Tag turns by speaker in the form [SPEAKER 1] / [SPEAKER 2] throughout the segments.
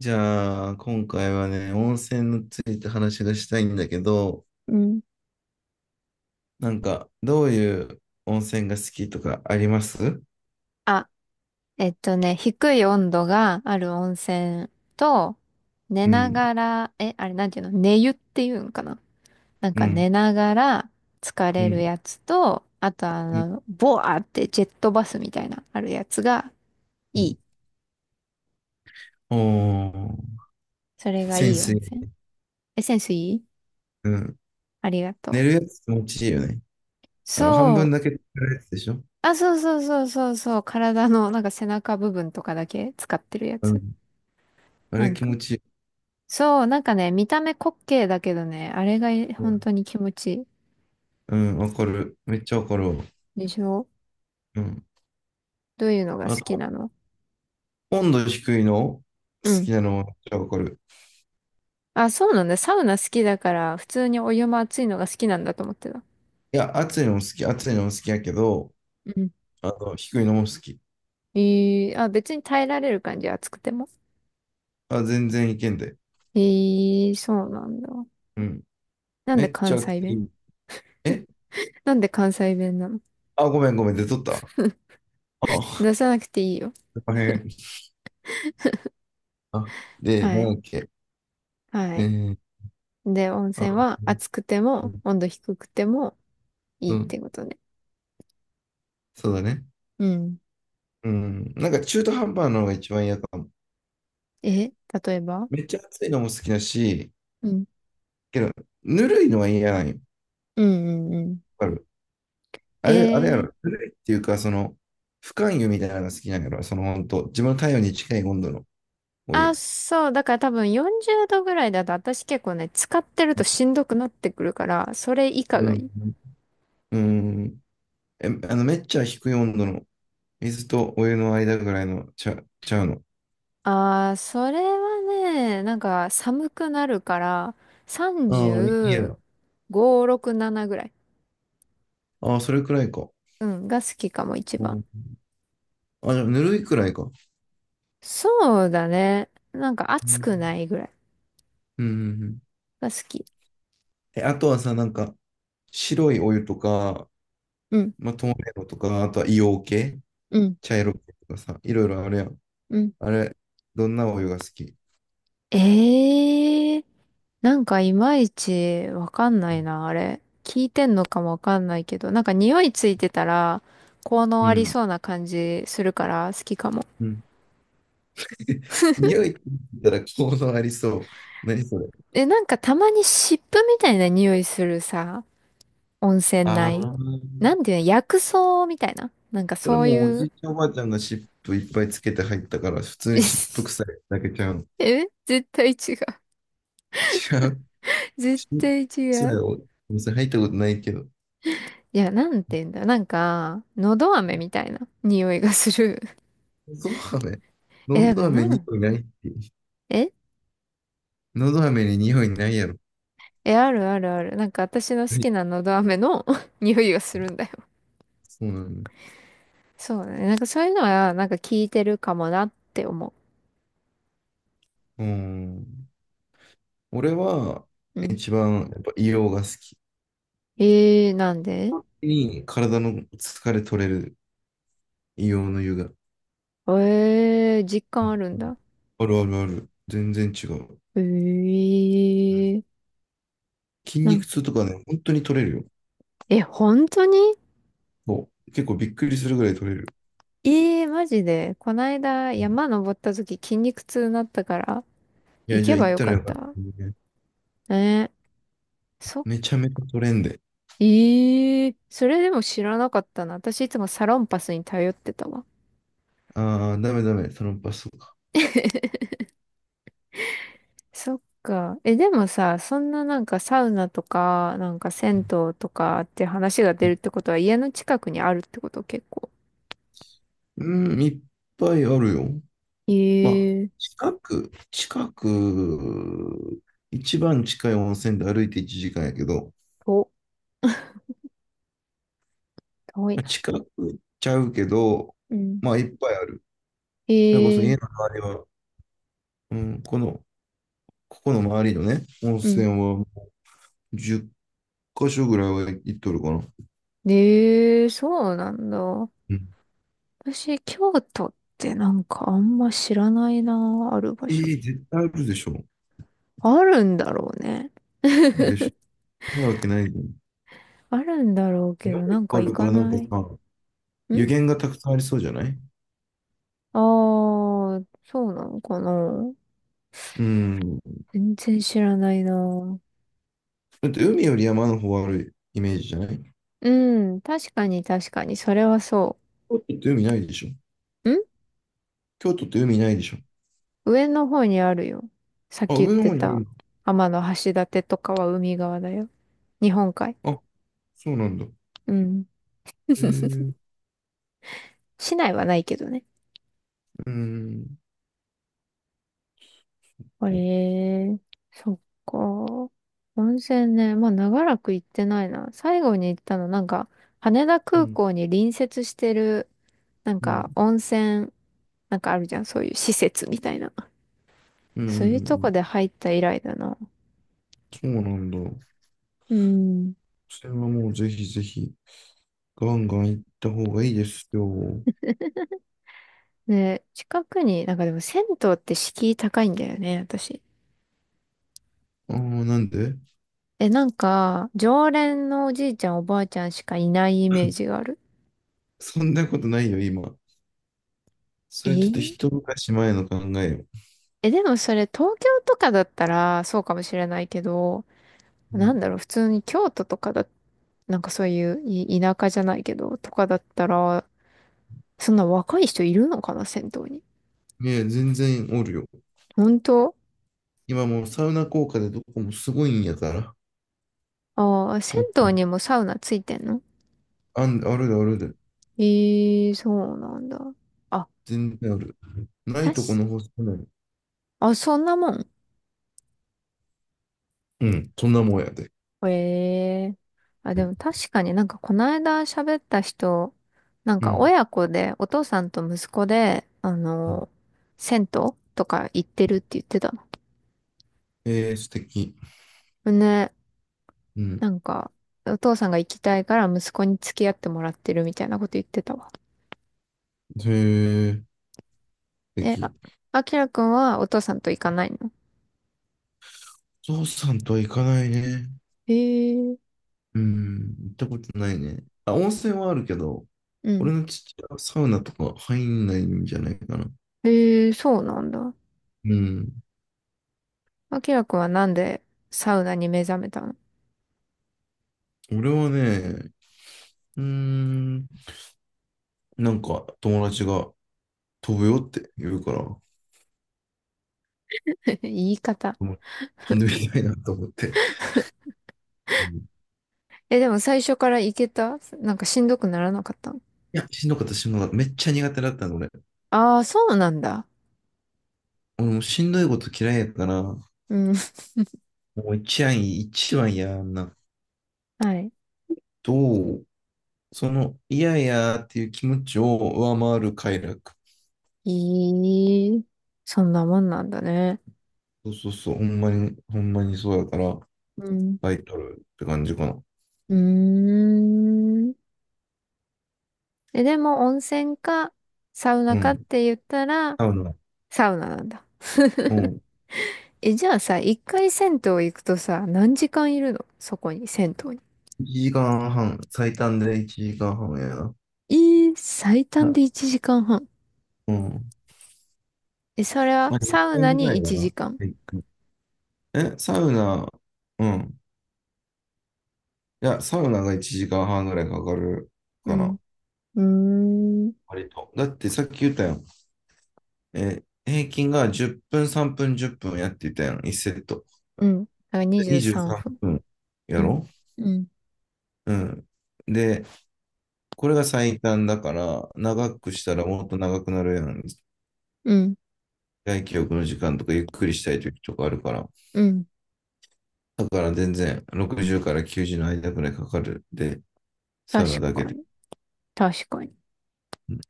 [SPEAKER 1] じゃあ、今回はね、温泉について話がしたいんだけど、
[SPEAKER 2] うん。
[SPEAKER 1] なんか、どういう温泉が好きとかあります？
[SPEAKER 2] あ、低い温度がある温泉と、寝
[SPEAKER 1] う
[SPEAKER 2] な
[SPEAKER 1] ん、
[SPEAKER 2] がら、あれなんていうの？寝湯っていうんかな？なん
[SPEAKER 1] う
[SPEAKER 2] か
[SPEAKER 1] ん、
[SPEAKER 2] 寝ながら疲
[SPEAKER 1] う
[SPEAKER 2] れる
[SPEAKER 1] ん、
[SPEAKER 2] やつと、あと
[SPEAKER 1] うん。
[SPEAKER 2] ボアってジェットバスみたいなあるやつが
[SPEAKER 1] う
[SPEAKER 2] い
[SPEAKER 1] ん。
[SPEAKER 2] い。
[SPEAKER 1] おー、
[SPEAKER 2] それがい
[SPEAKER 1] 潜
[SPEAKER 2] い温
[SPEAKER 1] 水。
[SPEAKER 2] 泉。え、センスいい？
[SPEAKER 1] うん。
[SPEAKER 2] ありがと
[SPEAKER 1] 寝
[SPEAKER 2] う。
[SPEAKER 1] るやつ気持ちいいよね。あの、半
[SPEAKER 2] そ
[SPEAKER 1] 分
[SPEAKER 2] う。
[SPEAKER 1] だけ寝るやつでしょ？
[SPEAKER 2] あ、そうそうそうそうそう。体のなんか背中部分とかだけ使ってるや
[SPEAKER 1] う
[SPEAKER 2] つ。
[SPEAKER 1] ん。あ
[SPEAKER 2] な
[SPEAKER 1] れ
[SPEAKER 2] ん
[SPEAKER 1] 気
[SPEAKER 2] か、
[SPEAKER 1] 持ちいい。
[SPEAKER 2] そう、なんかね、見た目滑稽だけどね、あれが本当に気持ちいい。
[SPEAKER 1] うん、わかる。めっちゃわかるわ。
[SPEAKER 2] でしょ？
[SPEAKER 1] うん。
[SPEAKER 2] どういうのが
[SPEAKER 1] あ
[SPEAKER 2] 好き
[SPEAKER 1] と、
[SPEAKER 2] なの？
[SPEAKER 1] 温度低いの
[SPEAKER 2] う
[SPEAKER 1] 好き
[SPEAKER 2] ん。
[SPEAKER 1] なのもめっちゃわかる。
[SPEAKER 2] あ、そうなんだ。サウナ好きだから、普通にお湯も熱いのが好きなんだと思ってた。
[SPEAKER 1] いや、暑いのも好き、暑いのも好きやけど、
[SPEAKER 2] うん。
[SPEAKER 1] あの、低いのも好き。
[SPEAKER 2] えー、あ、別に耐えられる感じ、熱くても。
[SPEAKER 1] あ、全然いけんで。
[SPEAKER 2] えー、そうなんだ。
[SPEAKER 1] うん。
[SPEAKER 2] なん
[SPEAKER 1] め
[SPEAKER 2] で
[SPEAKER 1] っちゃ
[SPEAKER 2] 関
[SPEAKER 1] 熱
[SPEAKER 2] 西弁？
[SPEAKER 1] い。え？
[SPEAKER 2] なんで関西弁なの？
[SPEAKER 1] あ、ごめんごめん、出とった。あ、
[SPEAKER 2] 出さなくていいよ。
[SPEAKER 1] 大変。あ、で、
[SPEAKER 2] は
[SPEAKER 1] なん
[SPEAKER 2] い。
[SPEAKER 1] だっけ。
[SPEAKER 2] は
[SPEAKER 1] え
[SPEAKER 2] い。
[SPEAKER 1] ー、
[SPEAKER 2] で、温
[SPEAKER 1] あ、
[SPEAKER 2] 泉は
[SPEAKER 1] う
[SPEAKER 2] 熱くても、
[SPEAKER 1] ん、
[SPEAKER 2] 温度低くてもい
[SPEAKER 1] う
[SPEAKER 2] いっ
[SPEAKER 1] ん。
[SPEAKER 2] てことね。
[SPEAKER 1] そうだね。
[SPEAKER 2] うん。
[SPEAKER 1] うん。なんか中途半端なのが一番嫌かも。
[SPEAKER 2] え、例えば？
[SPEAKER 1] めっちゃ暑いのも好きだし、
[SPEAKER 2] うん。
[SPEAKER 1] けど、ぬるいのは嫌なんよ。
[SPEAKER 2] うんうんうん。
[SPEAKER 1] わかる。あ
[SPEAKER 2] え
[SPEAKER 1] れ、あれやろ。
[SPEAKER 2] え。
[SPEAKER 1] ぬるいっていうか、その、不感湯みたいなのが好きなんやろ。その、本当自分の体温に近い温度のお
[SPEAKER 2] あ、
[SPEAKER 1] 湯。
[SPEAKER 2] そう。だから多分40度ぐらいだと私結構ね、使ってるとしんどくなってくるから、それ以下
[SPEAKER 1] う
[SPEAKER 2] がい
[SPEAKER 1] ん。
[SPEAKER 2] い。
[SPEAKER 1] うん。え、あの、めっちゃ低い温度の水とお湯の間ぐらいのちゃうの。
[SPEAKER 2] ああ、それはね、なんか寒くなるから、
[SPEAKER 1] ああ、いいや。
[SPEAKER 2] 35、6、7ぐらい。
[SPEAKER 1] ああ、それくらいか。
[SPEAKER 2] うん、が好きかも一
[SPEAKER 1] う
[SPEAKER 2] 番。
[SPEAKER 1] ん。あ、じゃあ、ぬるいくらいか。
[SPEAKER 2] そうだね。なんか
[SPEAKER 1] う
[SPEAKER 2] 暑
[SPEAKER 1] んうん
[SPEAKER 2] くないぐらい
[SPEAKER 1] うんうん。
[SPEAKER 2] が好き。
[SPEAKER 1] え、あとはさ、なんか、白いお湯とか、
[SPEAKER 2] うん、
[SPEAKER 1] まあ、透明度とか、あとは硫黄系、
[SPEAKER 2] うん、
[SPEAKER 1] 茶色系とかさ、いろいろあるやん。
[SPEAKER 2] うん。
[SPEAKER 1] あれ、どんなお湯が好き？
[SPEAKER 2] ええ。なんかいまいちわかんないな、あれ。聞いてんのかもわかんないけど、なんか匂いついてたら、効
[SPEAKER 1] う
[SPEAKER 2] 能あり
[SPEAKER 1] ん。
[SPEAKER 2] そうな感じするから好きかも。
[SPEAKER 1] うん。匂いって言ったら効能ありそう。何それ？
[SPEAKER 2] え、なんかたまに湿布みたいな匂いするさ、温泉
[SPEAKER 1] ああ、
[SPEAKER 2] 内。なんていうの、薬草みたいな。なんか
[SPEAKER 1] それ
[SPEAKER 2] そう
[SPEAKER 1] もうお
[SPEAKER 2] い
[SPEAKER 1] じ
[SPEAKER 2] う
[SPEAKER 1] いちゃんおばあちゃんが湿布いっぱいつけて入ったから、普通に湿布 臭いだけちゃうの。
[SPEAKER 2] え、絶対違う。
[SPEAKER 1] 違う。
[SPEAKER 2] 絶
[SPEAKER 1] し、
[SPEAKER 2] 対
[SPEAKER 1] そ
[SPEAKER 2] 違
[SPEAKER 1] うだ
[SPEAKER 2] う。
[SPEAKER 1] よ。おお店入ったことないけど。
[SPEAKER 2] いや、なんていうんだ。なんか、のど飴みたいな匂いがする。
[SPEAKER 1] のど飴？
[SPEAKER 2] え、
[SPEAKER 1] の
[SPEAKER 2] だか
[SPEAKER 1] ど
[SPEAKER 2] ら
[SPEAKER 1] 飴に匂いないって。
[SPEAKER 2] え
[SPEAKER 1] のど飴に匂いないやろ。
[SPEAKER 2] え、あるあるある。なんか私の
[SPEAKER 1] は
[SPEAKER 2] 好
[SPEAKER 1] い。
[SPEAKER 2] きなのど飴の 匂いがするんだよ。
[SPEAKER 1] そうなんだ。
[SPEAKER 2] そうだね。なんかそういうのは、なんか聞いてるかもなって思
[SPEAKER 1] うん。俺は、
[SPEAKER 2] う。うん。
[SPEAKER 1] 一番、やっぱ硫黄が好き。
[SPEAKER 2] えー、なんで？
[SPEAKER 1] 本当に体の疲れ取れる硫黄の湯が。
[SPEAKER 2] えー、実
[SPEAKER 1] う
[SPEAKER 2] 感
[SPEAKER 1] ん。
[SPEAKER 2] あるんだ。
[SPEAKER 1] あるあるある。全然違う。
[SPEAKER 2] えー、
[SPEAKER 1] 筋
[SPEAKER 2] なん、
[SPEAKER 1] 肉痛とかね、本当に取れるよ。
[SPEAKER 2] え、本当に？
[SPEAKER 1] そう結構びっくりするぐらい取れる。
[SPEAKER 2] えー、マジで。こないだ
[SPEAKER 1] うん。
[SPEAKER 2] 山登った時筋肉痛になったから、
[SPEAKER 1] い
[SPEAKER 2] 行
[SPEAKER 1] や、じゃ
[SPEAKER 2] け
[SPEAKER 1] あ
[SPEAKER 2] ば
[SPEAKER 1] 行っ
[SPEAKER 2] よ
[SPEAKER 1] た
[SPEAKER 2] か
[SPEAKER 1] ら
[SPEAKER 2] っ
[SPEAKER 1] よかった
[SPEAKER 2] た。
[SPEAKER 1] ね。
[SPEAKER 2] えー、そ、
[SPEAKER 1] めちゃめちゃ取れんで。
[SPEAKER 2] えそれでも知らなかったな。私いつもサロンパスに頼ってたわ。
[SPEAKER 1] ああ、ダメダメ、そのパスとか。
[SPEAKER 2] そっか。え、でもさ、そんななんかサウナとか、なんか銭湯とかって話が出るってことは家の近くにあるってこと結構。
[SPEAKER 1] うん、いっぱいあるよ。
[SPEAKER 2] え
[SPEAKER 1] まあ、
[SPEAKER 2] えー、
[SPEAKER 1] 近く、一番近い温泉で歩いて1時間やけど、
[SPEAKER 2] と、遠い
[SPEAKER 1] まあ
[SPEAKER 2] な。
[SPEAKER 1] 近くちゃうけど、
[SPEAKER 2] うん。
[SPEAKER 1] まあ、いっぱいある。それこそ家
[SPEAKER 2] え
[SPEAKER 1] の
[SPEAKER 2] え。
[SPEAKER 1] 周りは、うん、この、ここの周りのね、温
[SPEAKER 2] うん。
[SPEAKER 1] 泉はもう10箇所ぐらいは行っとるかな。
[SPEAKER 2] ええ、そうなんだ。
[SPEAKER 1] うん、
[SPEAKER 2] 私、京都ってなんかあんま知らないな、ある場
[SPEAKER 1] え
[SPEAKER 2] 所。
[SPEAKER 1] え絶対あるでしょ。
[SPEAKER 2] あるんだろうね。
[SPEAKER 1] でしょ。ないわけないじゃん。
[SPEAKER 2] あるんだろうけ
[SPEAKER 1] 山いっ
[SPEAKER 2] ど、なん
[SPEAKER 1] ぱ
[SPEAKER 2] か
[SPEAKER 1] いあ
[SPEAKER 2] 行
[SPEAKER 1] るか
[SPEAKER 2] か
[SPEAKER 1] らなんか
[SPEAKER 2] ない。
[SPEAKER 1] さ、
[SPEAKER 2] ん。
[SPEAKER 1] 湯源がたくさんありそうじゃない？
[SPEAKER 2] ああー、そうなのかな。
[SPEAKER 1] うん。
[SPEAKER 2] 全然知らないな。
[SPEAKER 1] だって海より山の方があるイメージじゃない？
[SPEAKER 2] うん、確かに確かに、それはそ
[SPEAKER 1] 京都って海ないでしょ？
[SPEAKER 2] う。ん。
[SPEAKER 1] 京都って海ないでしょ？
[SPEAKER 2] 上の方にあるよ。さっき
[SPEAKER 1] あ、
[SPEAKER 2] 言っ
[SPEAKER 1] 上の
[SPEAKER 2] て
[SPEAKER 1] 方にある
[SPEAKER 2] た、
[SPEAKER 1] んだ。
[SPEAKER 2] 天橋立とかは海側だよ。日本海。
[SPEAKER 1] あ、そうなんだ。
[SPEAKER 2] うん。
[SPEAKER 1] えー、
[SPEAKER 2] 市内はないけどね。
[SPEAKER 1] うーん、
[SPEAKER 2] へ
[SPEAKER 1] こ
[SPEAKER 2] え、そっか。温泉ね、まあ長らく行ってないな。最後に行ったの、なんか、羽田
[SPEAKER 1] う。う
[SPEAKER 2] 空
[SPEAKER 1] ん、
[SPEAKER 2] 港に隣接してる、なん
[SPEAKER 1] う
[SPEAKER 2] か
[SPEAKER 1] ん、
[SPEAKER 2] 温泉、なんかあるじゃん、そういう施設みたいな。
[SPEAKER 1] うん、うん、う
[SPEAKER 2] そういうとこ
[SPEAKER 1] ん。
[SPEAKER 2] で入った以来だな。
[SPEAKER 1] そうなんだ。
[SPEAKER 2] うん。
[SPEAKER 1] それはもうぜひぜひ、ガンガン行った方がいいですよ。
[SPEAKER 2] で、近くに、なんかでも銭湯って敷居高いんだよね、私。
[SPEAKER 1] ああ、なんで？
[SPEAKER 2] え、なんか、常連のおじいちゃんおばあちゃんしかいないイメージがある。
[SPEAKER 1] そんなことないよ、今。そ
[SPEAKER 2] え
[SPEAKER 1] れちょっと
[SPEAKER 2] ー
[SPEAKER 1] 一昔前の考えよ。
[SPEAKER 2] え、でもそれ東京とかだったらそうかもしれないけど、
[SPEAKER 1] う
[SPEAKER 2] な
[SPEAKER 1] ん。
[SPEAKER 2] んだろう、普通に京都とかだ、なんかそういう田舎じゃないけど、とかだったら、そんな若い人いるのかな、銭湯に。
[SPEAKER 1] いや、全然おるよ。
[SPEAKER 2] 本当？
[SPEAKER 1] 今もうサウナ効果でどこもすごいんやから。
[SPEAKER 2] ああー、銭
[SPEAKER 1] う
[SPEAKER 2] 湯
[SPEAKER 1] ん。
[SPEAKER 2] にもサウナついてんの？
[SPEAKER 1] あるであるで。
[SPEAKER 2] ええー、そうなんだ。あ、
[SPEAKER 1] 全然ある。な
[SPEAKER 2] た
[SPEAKER 1] いとこ
[SPEAKER 2] し
[SPEAKER 1] の方少ない。
[SPEAKER 2] あ、そんなもん。
[SPEAKER 1] うん、そんなもんやで。
[SPEAKER 2] へえ。あ、でも確かになんかこの間喋った人、なん
[SPEAKER 1] う
[SPEAKER 2] か
[SPEAKER 1] ん。
[SPEAKER 2] 親子で、お父さんと息子で、あ
[SPEAKER 1] う
[SPEAKER 2] の、
[SPEAKER 1] ん。
[SPEAKER 2] 銭湯とか行ってるって言ってた
[SPEAKER 1] えー、素敵。
[SPEAKER 2] の。ね、
[SPEAKER 1] うん。
[SPEAKER 2] なんか、お父さんが行きたいから息子に付き合ってもらってるみたいなこと言ってたわ。
[SPEAKER 1] へえ、素
[SPEAKER 2] え、あ、
[SPEAKER 1] 敵。
[SPEAKER 2] あきらくんはお父さんと行かないの？
[SPEAKER 1] ゾウさんとは行かないね。
[SPEAKER 2] へえ。
[SPEAKER 1] うん、行ったことないね。あ、温泉はあるけど、
[SPEAKER 2] うん。
[SPEAKER 1] 俺の父親はサウナとか入んないんじゃないかな。
[SPEAKER 2] へえ、そうなんだ。
[SPEAKER 1] うん。
[SPEAKER 2] あきらくんはなんでサウナに目覚めたの？
[SPEAKER 1] 俺はね、うーん、なんか友達が飛ぶよって言うから、も
[SPEAKER 2] 言い方。
[SPEAKER 1] う飛んでみたいなと思って。うん。
[SPEAKER 2] え、でも最初から行けた？なんかしんどくならなかった？
[SPEAKER 1] いや、しんどかった、しんどかった。めっちゃ苦手だったの、俺。
[SPEAKER 2] ああー、そうなんだ。
[SPEAKER 1] 俺もしんどいこと嫌いやから、も
[SPEAKER 2] うん。
[SPEAKER 1] う一案一番やんな。
[SPEAKER 2] はい。
[SPEAKER 1] と、その嫌やっていう気持ちを上回る快楽。
[SPEAKER 2] いい。そんなもんなんだね。
[SPEAKER 1] そうそうそう、ほんまに、ほんまにそうやから、
[SPEAKER 2] うん。
[SPEAKER 1] タイトルって感じかな。
[SPEAKER 2] うーん。え、でも温泉かサウナ
[SPEAKER 1] う
[SPEAKER 2] かっ
[SPEAKER 1] ん。
[SPEAKER 2] て言ったら
[SPEAKER 1] 多分な。
[SPEAKER 2] サウナなんだ。
[SPEAKER 1] うん。
[SPEAKER 2] え、じゃあさ、一回銭湯行くとさ、何時間いるのそこに、銭湯に？
[SPEAKER 1] 1時間半、最短で1時間半やな。
[SPEAKER 2] えー、最短で
[SPEAKER 1] な、
[SPEAKER 2] 1時間半。
[SPEAKER 1] うん。
[SPEAKER 2] え、それは
[SPEAKER 1] まあ、
[SPEAKER 2] サウ
[SPEAKER 1] 1
[SPEAKER 2] ナ
[SPEAKER 1] ぐ
[SPEAKER 2] に
[SPEAKER 1] らいか
[SPEAKER 2] 1
[SPEAKER 1] な。
[SPEAKER 2] 時間。
[SPEAKER 1] はい。え、サウナ、うん。いや、サウナが1時間半ぐらいかかる
[SPEAKER 2] う
[SPEAKER 1] か
[SPEAKER 2] ん。
[SPEAKER 1] な。
[SPEAKER 2] うーん。
[SPEAKER 1] 割と。だってさっき言ったやん。平均が10分、3分、10分やっていたやん、1セット。
[SPEAKER 2] うん。だから
[SPEAKER 1] で
[SPEAKER 2] 23
[SPEAKER 1] 23
[SPEAKER 2] 分。
[SPEAKER 1] 分や
[SPEAKER 2] うん、
[SPEAKER 1] ろ？
[SPEAKER 2] うん、
[SPEAKER 1] うん。で、これが最短だから、長くしたらもっと長くなるやん。
[SPEAKER 2] うん、
[SPEAKER 1] 外記憶の時間とかゆっくりしたい時とかあるから。
[SPEAKER 2] うん。
[SPEAKER 1] だから全然60から90の間くらいかかる。で、サウナ
[SPEAKER 2] 確
[SPEAKER 1] だけ
[SPEAKER 2] か
[SPEAKER 1] で。
[SPEAKER 2] に。確かに。
[SPEAKER 1] うん。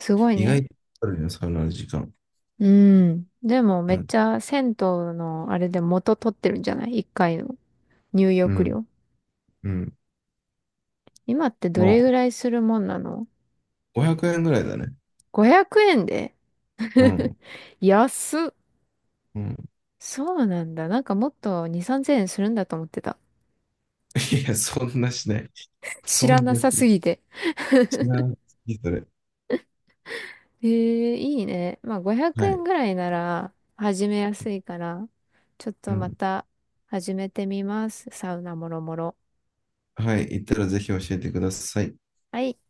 [SPEAKER 2] すごい
[SPEAKER 1] 意外と
[SPEAKER 2] ね。
[SPEAKER 1] かかるよ、サウナの時間。
[SPEAKER 2] うん。でも
[SPEAKER 1] う
[SPEAKER 2] めっ
[SPEAKER 1] ん。
[SPEAKER 2] ちゃ銭湯のあれで元取ってるんじゃない？ 1 回の入
[SPEAKER 1] う
[SPEAKER 2] 浴
[SPEAKER 1] ん。
[SPEAKER 2] 料。
[SPEAKER 1] うん。
[SPEAKER 2] 今ってどれ
[SPEAKER 1] も
[SPEAKER 2] ぐらいするもんなの？
[SPEAKER 1] う500円ぐらいだね。
[SPEAKER 2] 500 円で
[SPEAKER 1] う ん。
[SPEAKER 2] 安っ。
[SPEAKER 1] うん。
[SPEAKER 2] そうなんだ。なんかもっと2、3000円するんだと思ってた。
[SPEAKER 1] いや、そんなしない。
[SPEAKER 2] 知
[SPEAKER 1] そん
[SPEAKER 2] らな
[SPEAKER 1] なし
[SPEAKER 2] さすぎて。
[SPEAKER 1] 知らないそれ。
[SPEAKER 2] ええ、いいね。まあ500
[SPEAKER 1] は
[SPEAKER 2] 円
[SPEAKER 1] い。
[SPEAKER 2] ぐらいなら始めやすいから、ちょっ
[SPEAKER 1] う
[SPEAKER 2] とま
[SPEAKER 1] ん。
[SPEAKER 2] た始めてみます。サウナもろもろ。
[SPEAKER 1] はい。行ったらぜひ教えてください。
[SPEAKER 2] はい。